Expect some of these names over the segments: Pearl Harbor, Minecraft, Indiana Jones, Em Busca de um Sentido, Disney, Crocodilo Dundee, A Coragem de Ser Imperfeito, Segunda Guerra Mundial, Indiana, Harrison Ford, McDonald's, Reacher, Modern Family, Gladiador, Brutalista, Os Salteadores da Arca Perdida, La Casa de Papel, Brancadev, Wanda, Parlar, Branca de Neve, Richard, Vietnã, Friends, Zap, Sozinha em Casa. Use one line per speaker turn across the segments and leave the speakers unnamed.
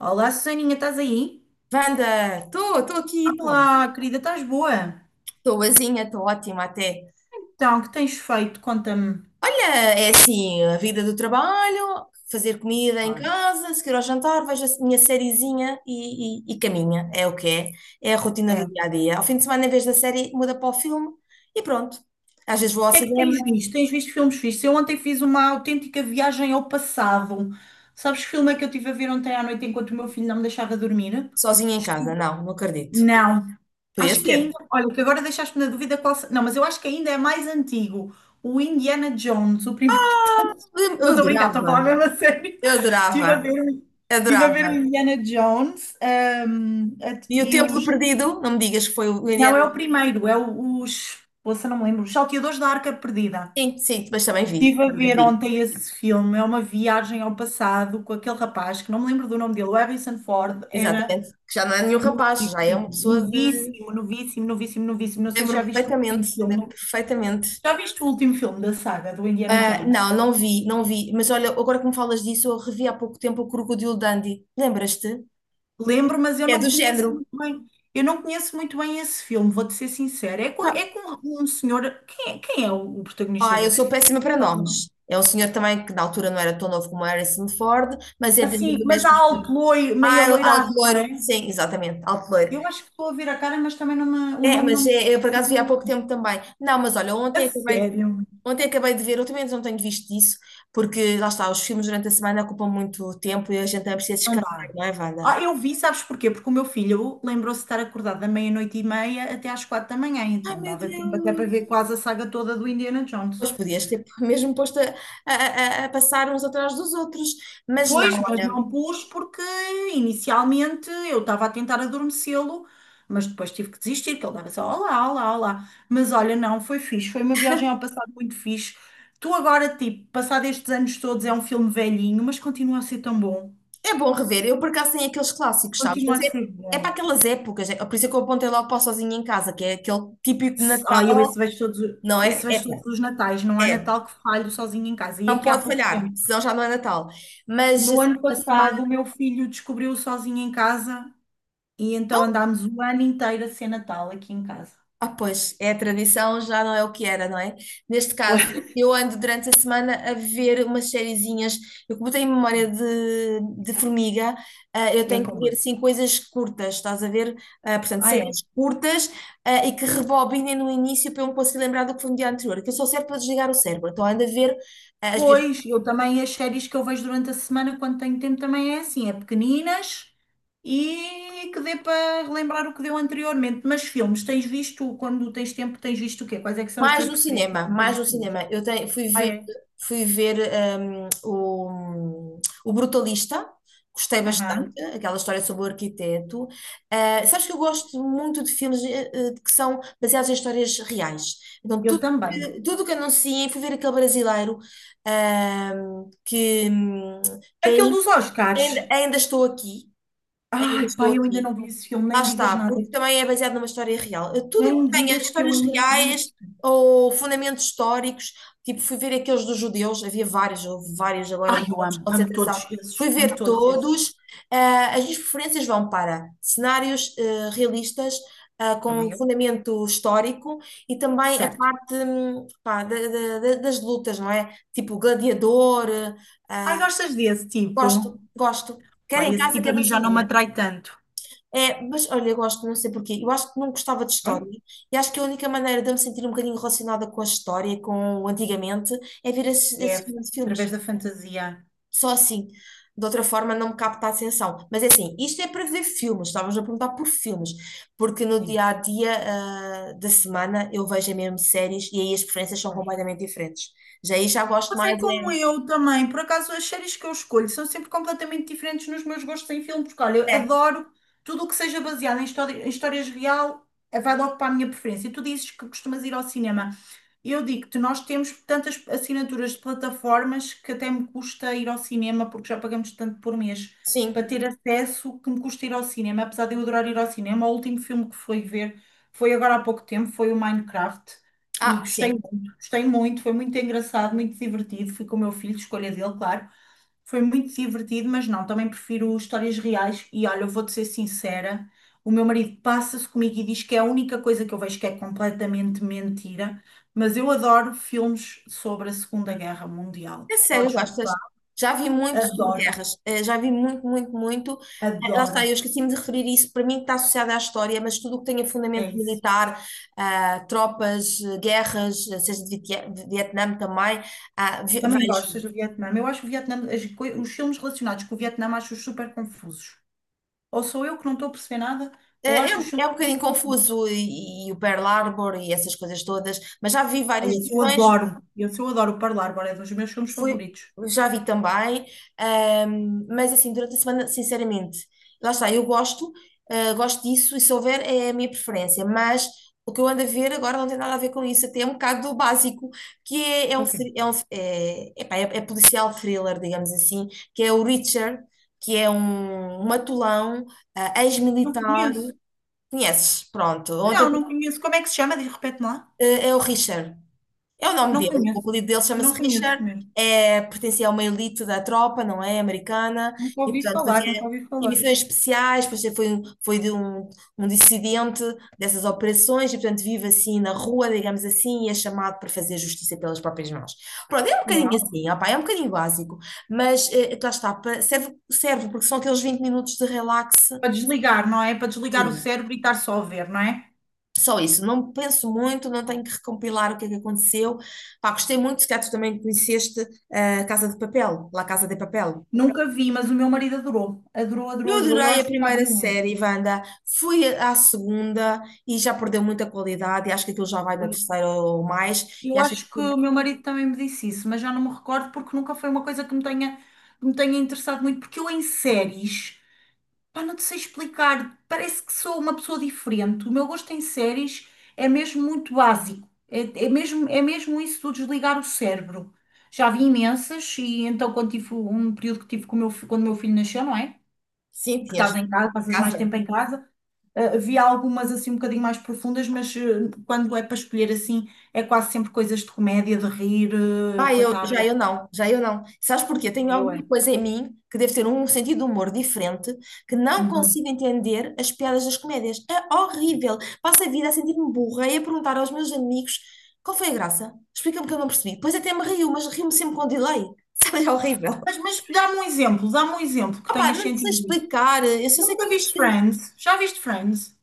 Olá, Susaninha, estás aí?
Wanda, estou aqui,
Olá, querida, estás boa?
estou boazinha, estou ótima até.
Então, o que tens feito? Conta-me.
Olha, é assim, a vida do trabalho, fazer comida em
Ah,
casa, seguir ao jantar, vejo a minha sériezinha e caminha, é o que é. É a rotina
é.
do
O
dia a dia. Ao fim de semana, em vez da série, muda para o filme e pronto. Às vezes vou ao
que é que tens
cinema,
visto? Tens visto filmes fixos? Eu ontem fiz uma autêntica viagem ao passado. Sabes que filme é que eu estive a ver ontem à noite enquanto o meu filho não me deixava dormir?
sozinha em casa.
Estive...
Não, não acredito.
Não.
Podia
Acho que ainda,
ser.
olha, que agora deixaste-me na dúvida é qual. Não, mas eu acho que ainda é mais antigo. O Indiana Jones, o primeiro. De todos.
Eu
Não
eu
estou a brincar, estou a falar
adorava,
mesmo a sério.
eu
Estive a
adorava,
ver, estive a ver o
adorava.
Indiana Jones,
E o
e
Templo
os.
Perdido, não me digas que foi o
Não,
Indiana.
é o primeiro, é os. Poxa, não me lembro. Os Salteadores da Arca Perdida.
Sim, sim, mas também vi,
Estive a
também
ver
vi.
ontem esse filme, é uma viagem ao passado com aquele rapaz, que não me lembro do nome dele, o Harrison Ford, era.
Exatamente. Que já não é nenhum rapaz, já é
Novíssimo,
uma pessoa de.
novíssimo, novíssimo, novíssimo, novíssimo. Não sei se
Lembro-me
já viste o último
perfeitamente, lembro-me
filme.
perfeitamente.
Já viste o último filme da saga do Indiana
Ah,
Jones?
não, não vi, não vi. Mas olha, agora que me falas disso, eu revi há pouco tempo o Crocodilo Dundee. Lembras-te?
Lembro, mas eu
É
não
do género.
conheço muito bem. Eu não conheço muito bem esse filme, vou-te ser sincera. É
Ah,
com um senhor. Quem é o protagonista
ah, eu
desse
sou
filme?
péssima para
Sabes ou não?
nomes. É um senhor também que na altura não era tão novo como Harrison Ford, mas é dentro
Assim,
do
mas
mesmo
há
estilo.
algo loiro,
Ah,
meio
é alto
aloirado, não
loiro.
é?
Sim, exatamente, alto loiro.
Eu acho que estou a ver a cara, mas também não o
É,
nome não
mas
me.
eu por acaso vi há pouco tempo também. Não, mas olha,
A
ontem acabei
sério,
Ontem acabei de ver, ultimamente não tenho visto isso, porque lá está, os filmes durante a semana ocupam muito tempo e a gente também precisa
não
descansar,
dá.
não é, Wanda?
Ah, eu vi, sabes porquê? Porque o meu filho lembrou-se de estar acordado da meia-noite e meia até às quatro da manhã,
Ai
então
meu
dava tempo até para ver
Deus!
quase a saga toda do Indiana Jones.
Pois podias ter mesmo posto a passar uns atrás dos outros, mas não,
Pois, mas
olha,
não pus porque inicialmente eu estava a tentar adormecê-lo, mas depois tive que desistir, que ele dava só olá, olá, olá. Mas olha, não, foi fixe, foi uma viagem ao passado muito fixe. Tu agora, tipo, passado estes anos todos, é um filme velhinho, mas continua a ser tão bom.
é bom rever. Eu por acaso tenho aqueles clássicos, sabes?
Continua
Mas
a ser
é para
bom.
aquelas épocas, é, por isso é que eu apontei logo para o Sozinha em Casa, que é aquele típico
Ah, eu
Natal, não é?
esse vejo todos os Natais. Não
É,
há
é.
Natal que falho sozinho em casa. E
Não
aqui há
pode
pouco
falhar,
tempo.
senão já não é Natal. Mas
No
assim,
ano
a semana.
passado, o meu filho descobriu sozinho em casa e então andámos o ano inteiro a ser Natal aqui em casa.
Ah, pois, é a tradição, já não é o que era, não é? Neste caso, eu ando durante a semana a ver umas sériezinhas. Eu, como tenho memória de formiga, eu
É
tenho que
como?
ver assim coisas curtas, estás a ver? Ah, portanto,
Ah, é.
séries curtas, e que rebobinem no início para eu me conseguir lembrar do que foi no dia anterior, que eu sou certa para desligar o cérebro. Então, ando a ver ah, as minhas
Pois, eu também as séries que eu vejo durante a semana, quando tenho tempo, também é assim, é pequeninas e que dê para relembrar o que deu anteriormente. Mas filmes, tens visto, quando tens tempo, tens visto o quê? Quais é que são as
Mais
tuas
no
preferências
cinema,
em
mais
termos
no
de filmes?
cinema. Eu tenho- fui
Ah,
ver,
é?
fui ver hum, o, o Brutalista, gostei bastante,
Aham.
aquela história sobre o arquiteto. Ah, sabes que eu gosto muito de filmes que são baseados em histórias reais. Então,
Eu
tudo,
também.
que- tudo que anunciem, fui ver aquele brasileiro ah, que, hum, que
Aquele dos Oscars.
ainda estou aqui, ainda
Ai,
estou
pai, eu ainda
aqui.
não vi esse filme,
Lá
nem me digas
está,
nada.
porque também é baseado numa história real. Tudo o
Nem
que
me
tenha
digas que eu
histórias
ainda não vi
reais
esse filme.
ou fundamentos históricos, tipo, fui ver aqueles dos judeus, havia vários, houve vários agora
Ai,
dos
eu
campos de
amo, amo todos
concentração,
esses,
fui
amo
ver
todos esses.
todos. Ah, as minhas preferências vão para cenários realistas,
Também
com
eu,
fundamento histórico e também a
certo.
parte, pá, das lutas, não é? Tipo, Gladiador,
Ai,
ah,
gostas desse tipo?
gosto, gosto, quer em
Ai, esse
casa,
tipo
quer
a
no
mim já não me
cinema.
atrai tanto.
É, mas olha, eu gosto, não sei porquê. Eu acho que não gostava de
Ai,
história e acho que a única maneira de eu me sentir um bocadinho relacionada com a história, com o antigamente, é ver esses,
é
esses grandes
através
filmes.
da fantasia.
Só assim. De outra forma, não me capta a atenção. Mas é assim, isto é para ver filmes, estavas a perguntar por filmes, porque no
Sim.
dia a dia, da semana eu vejo é mesmo séries e aí as preferências são completamente diferentes. Já aí já gosto mais,
Passei como eu também. Por acaso, as séries que eu escolho são sempre completamente diferentes nos meus gostos em filme, porque olha, eu
é, é,
adoro tudo o que seja baseado em história, em histórias real, vai logo para a minha preferência. E tu dizes que costumas ir ao cinema. Eu digo-te, nós temos tantas assinaturas de plataformas que até me custa ir ao cinema, porque já pagamos tanto por mês para
sim,
ter acesso que me custa ir ao cinema. Apesar de eu adorar ir ao cinema, o último filme que fui ver foi agora há pouco tempo, foi o Minecraft. E gostei.
sim.
Gostei muito, foi muito engraçado, muito divertido. Fui com o meu filho, escolha dele, claro. Foi muito divertido, mas não, também prefiro histórias reais. E olha, eu vou-te ser sincera: o meu marido passa-se comigo e diz que é a única coisa que eu vejo que é completamente mentira. Mas eu adoro filmes sobre a Segunda Guerra Mundial.
É sério,
Podes
gostas?
gostar.
Já vi muito sobre
Adoro,
guerras, já vi muito, muito, muito. Lá está, eu
adoro.
esqueci-me de referir isso, para mim está associado à história, mas tudo o que tenha
É
fundamento
isso.
militar, tropas, guerras, seja de Vietnã também, ah, ve-
Também gostas
vejo.
do Vietnã. Eu acho o Vietnã, as os filmes relacionados com o Vietnã, acho-os super confusos. Ou sou eu que não estou a perceber nada, ou
É,
acho os
um-
filmes
é um
super
bocadinho
confusos.
confuso e o Pearl Harbor e essas coisas todas, mas já vi
Ai,
várias
esse eu
versões.
adoro. Esse eu adoro, o Parlar, é dos meus filmes
Fui,
favoritos.
já vi também, mas assim, durante a semana, sinceramente, lá está, eu gosto, gosto disso e se houver é a minha preferência, mas o que eu ando a ver agora não tem nada a ver com isso, até é um bocado do básico, que é, é
É
um,
o quê?
thr- é policial thriller, digamos assim, que é o Reacher, que é um matulão,
Não
ex-militar,
conheço.
conheces, pronto, ontem,
Não, não conheço. Como é que se chama? Diz, repete lá.
é o Richard. É o nome
Não
dele, o
conheço.
apelido dele chama-se
Não
Richard,
conheço mesmo.
é, pertencia a uma elite da tropa, não é? Americana,
Nunca
e
ouvi
portanto
falar, nunca
fazia
ouvi falar.
emissões especiais, depois foi de um dissidente dessas operações, e portanto vive assim na rua, digamos assim, e é chamado para fazer justiça pelas próprias mãos. Pronto, é um bocadinho
Uau.
assim, opá, é um bocadinho básico, mas lá está, serve, serve porque são aqueles 20 minutos de relax.
Para desligar, não é? Para desligar o cérebro e estar só a ver, não é?
Só isso, não penso muito, não tenho que recompilar o que é que aconteceu. Pá, gostei muito, se calhar tu também conheceste a Casa de Papel, La Casa de Papel.
Nunca vi, mas o meu marido adorou. Adorou, adorou,
Eu
adorou. Eu
adorei a
acho um bocado
primeira
violento.
série, Wanda. Fui à segunda e já perdeu muita qualidade. E acho que aquilo já vai na
Pois.
terceira ou mais. E
Eu
acho que
acho que
aquilo,
o meu marido também me disse isso, mas já não me recordo porque nunca foi uma coisa que me tenha interessado muito, porque eu em séries. Pá, não te sei explicar. Parece que sou uma pessoa diferente. O meu gosto em séries é mesmo muito básico. É, é mesmo isso do desligar o cérebro. Já vi imensas e então quando tive um período que tive com o meu, quando o meu filho nasceu, não é?
sim,
Que
tinhas
estás em casa, passas mais
casa.
tempo em casa. Vi algumas assim um bocadinho mais profundas, mas quando é para escolher assim, é quase sempre coisas de comédia, de rir,
Ah,
para estar.
já eu não, já eu não. Sabes porquê? Tenho
Eu é.
alguma coisa em mim que deve ter um sentido de humor diferente, que não
Uhum.
consigo entender as piadas das comédias. É horrível. Passo a vida a sentir-me burra e a perguntar aos meus amigos qual foi a graça? Explica-me que eu não percebi. Pois até me rio, mas rio-me sempre com delay. Sabe, é horrível.
Mas dá-me um exemplo que
Opá,
tenhas
não sei
sentido isso.
explicar. Eu só sei que
Nunca viste
estes filmes,
Friends? Já viste Friends?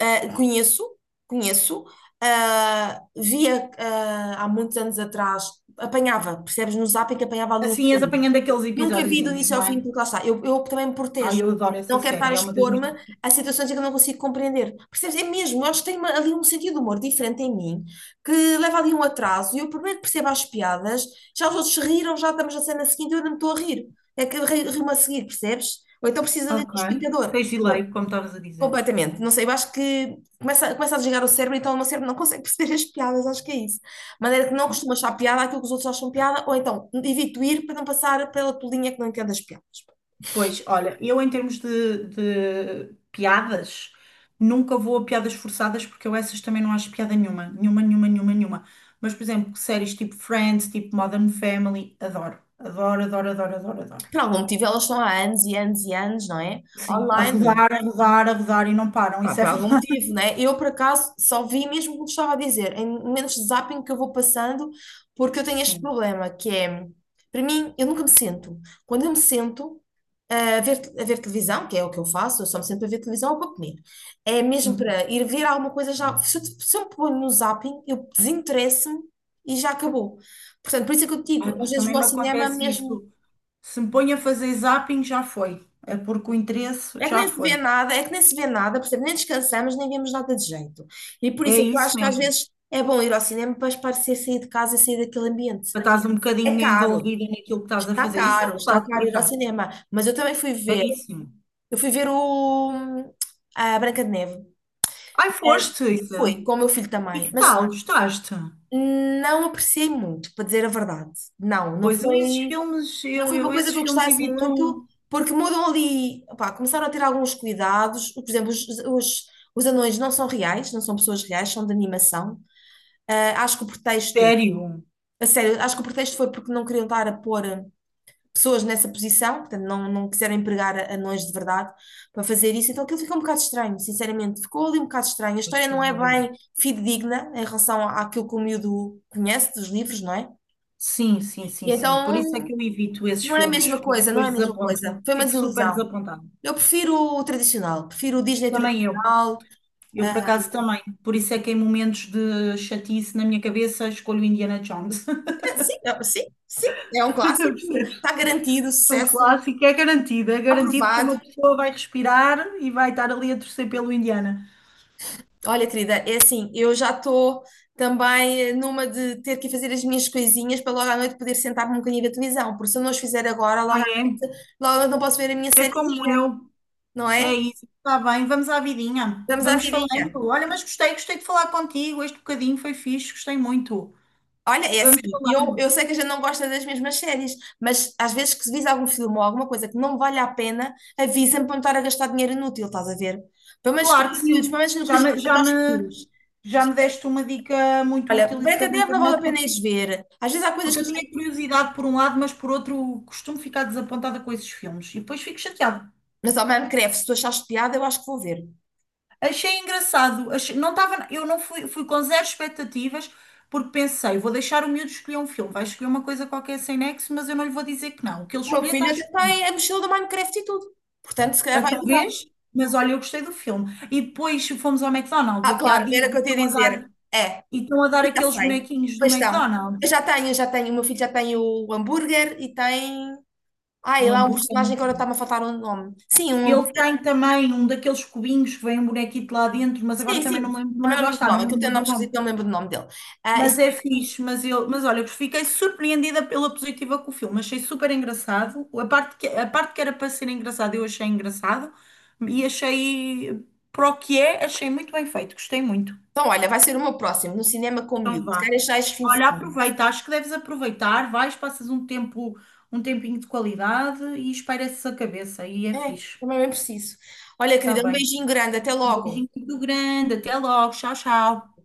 conheço, conheço. Via há muitos anos atrás, apanhava, percebes, no Zap em que apanhava ali uns.
Assim, és apanhando aqueles
Nunca vi do
episódiozinhos,
início ao
não
fim,
é?
porque lá está, eu também me protejo.
Ai, eu adoro essa
Não quero estar a
série, é uma das
expor-me
minhas.
a situações em que eu não consigo compreender. Percebes? É mesmo, eu acho que tem ali um sentido de humor diferente em mim, que leva ali um atraso, e eu por bem que percebo as piadas, já os outros se riram, já estamos na cena seguinte, eu ainda me estou a rir. É que eu rio-me a seguir, percebes? Ou então precisa ali de um
Ok.
explicador.
Tens delay, como estavas a dizer.
Completamente. Não sei, eu acho que começa a desligar o cérebro, então o meu cérebro não consegue perceber as piadas, acho que é isso. De maneira que não
Bom,
costuma achar piada aquilo que os outros acham piada, ou então evito ir para não passar pela tua linha que não entende as piadas.
pois, olha, eu em termos de piadas, nunca vou a piadas forçadas porque eu essas também não acho piada nenhuma. Nenhuma, nenhuma, nenhuma, nenhuma. Mas, por exemplo, séries tipo Friends, tipo Modern Family, adoro. Adoro, adoro, adoro, adoro, adoro.
Por algum motivo, elas estão há anos e anos e anos, não é?
Sim. A
Online.
rodar, a rodar, a rodar e não param,
Pá,
isso é
por algum
verdade.
motivo, né? Eu, por acaso, só vi mesmo como te estava a dizer, em momentos de zapping que eu vou passando, porque eu tenho este
Sim.
problema, que é, para mim, eu nunca me sento. Quando eu me sento a ver televisão, que é o que eu faço, eu só me sento a ver televisão ou para comer, é mesmo
Uhum.
para ir ver alguma coisa já. Se eu me ponho no zapping, eu desinteresso-me e já acabou. Portanto, por isso é que eu te digo,
Ah,
às
pá,
vezes
também
vou ao
me
cinema
acontece
mesmo.
isso. Se me ponho a fazer zapping, já foi. É porque o interesse
É que
já
nem se vê
foi.
nada, é que nem se vê nada, percebe? Nem descansamos, nem vemos nada de jeito. E por
É
isso é que eu
isso
acho que às
mesmo.
vezes é bom ir ao cinema para espairecer, sair de casa e sair daquele ambiente.
Já estás um
É
bocadinho
caro,
envolvida naquilo que estás a
está
fazer. Isso é
caro, está
verdade, por
caro ir ao
acaso.
cinema. Mas eu também fui ver,
Caríssimo.
eu fui ver o a Branca de Neve.
Ai,
Mas
foste, Isa.
fui, com o meu filho
E
também.
que
Mas
tal? Gostaste?
não apreciei muito, para dizer a verdade. Não, não
Pois eu esses
foi.
filmes,
Não foi uma
eu
coisa
esses
que eu
filmes
gostasse
evito.
muito, porque mudam ali, opá, começaram a ter alguns cuidados. Por exemplo, os anões não são reais, não são pessoas reais, são de animação. Ah, acho que o pretexto,
Sério?
a sério, acho que o pretexto foi porque não queriam estar a pôr pessoas nessa posição, portanto, não, não quiseram empregar anões de verdade para fazer isso. Então aquilo ficou um bocado estranho, sinceramente, ficou ali um bocado estranho. A
Pois,
história não
estás
é
a ver.
bem fidedigna em relação àquilo que o miúdo conhece dos livros, não é?
Sim, sim, sim,
E
sim. Por isso é
então
que eu evito esses
não é a
filmes,
mesma
porque
coisa, não é
depois
a mesma coisa.
desaponto-me.
Foi uma
Fico super
desilusão.
desapontada.
Eu prefiro o tradicional, prefiro o Disney
Também eu.
tradicional.
Eu, por acaso, também. Por isso é que em momentos de chatice na minha cabeça escolho Indiana Jones.
É, sim, sim, sim, é um clássico,
Percebes?
está garantido,
É um
sucesso,
clássico, é garantido que
aprovado.
uma pessoa vai respirar e vai estar ali a torcer pelo Indiana.
Olha, querida, é assim, eu já estou também numa de ter que fazer as minhas coisinhas para logo à noite poder sentar-me um bocadinho da televisão, porque se eu não as fizer agora,
Ah, é?
logo à noite não posso ver a minha
É como
sériezinha,
eu.
não
É
é?
isso. Está bem, vamos à vidinha.
Vamos à
Vamos falando.
vidinha.
Olha, mas gostei, gostei de falar contigo. Este bocadinho foi fixe, gostei muito.
Olha, é
Vamos
assim, eu,
falando.
eu sei que a gente não gosta das mesmas séries, mas às vezes que se visa algum filme ou alguma coisa que não vale a pena, avisa-me para não estar a gastar dinheiro inútil, estás a ver? Pelo menos com
Claro que
os miúdos,
sim.
pelo menos no que
Já
diz
me,
respeito
já
aos
me,
filmes.
já me deste uma dica muito
Olha,
útil isso da
Brancadev não vale
brincadeira,
a pena
porque
ires ver. Às vezes há coisas
porque
que
eu
a
tinha
gente...
curiosidade por um lado, mas por outro costumo ficar desapontada com esses filmes e depois fico chateada.
Mas ao Minecraft, se tu achares piada, eu acho que vou ver.
Achei engraçado, não estava, eu não fui, fui com zero expectativas porque pensei, vou deixar o miúdo escolher um filme, vai escolher uma coisa qualquer sem nexo, mas eu não lhe vou dizer que não. O que ele
O meu
escolher está
filho até
escolhido.
tem a mochila do Minecraft e tudo. Portanto, se calhar
Ah,
vai durar.
talvez, mas olha, eu gostei do filme. E depois fomos ao McDonald's
Ah,
aqui há
claro,
dias
era o que
e
eu te ia
estão a
dizer.
dar,
É,
e estão a dar
já
aqueles
sei.
bonequinhos
Pois
do
estão. Eu
McDonald's,
já tenho, já tenho. O meu filho já tem o hambúrguer e tem. Ah, e
o
lá é um
hambúrguer.
personagem que agora está-me a faltar o nome. Sim, um hambú-
Ele tem também um daqueles cubinhos que vem um bonequito lá dentro, mas agora
Sim,
também não
sim.
me lembro,
Também
mas
não me
lá
lembro do
está, não
nome.
me
Aquilo tem
lembro
um
do
nome
nome.
esquisito, não me lembro do nome dele. Ah, e sim.
Mas é fixe, mas, eu, mas olha, eu fiquei surpreendida pela positiva com o filme, achei super engraçado. A parte que era para ser engraçado, eu achei engraçado e achei, para o que é, achei muito bem feito, gostei muito.
Então, olha, vai ser o meu próximo, no cinema com o
Então
miúdo. Se
vá.
calhar já este fim de
Olha,
semana.
aproveita, acho que deves aproveitar, vais, passas um tempo, um tempinho de qualidade e espaireces a cabeça e é
É,
fixe.
também é bem preciso. Olha,
Está
querida, um
bem.
beijinho grande. Até
Um
logo.
beijinho muito grande. Até logo. Tchau, tchau.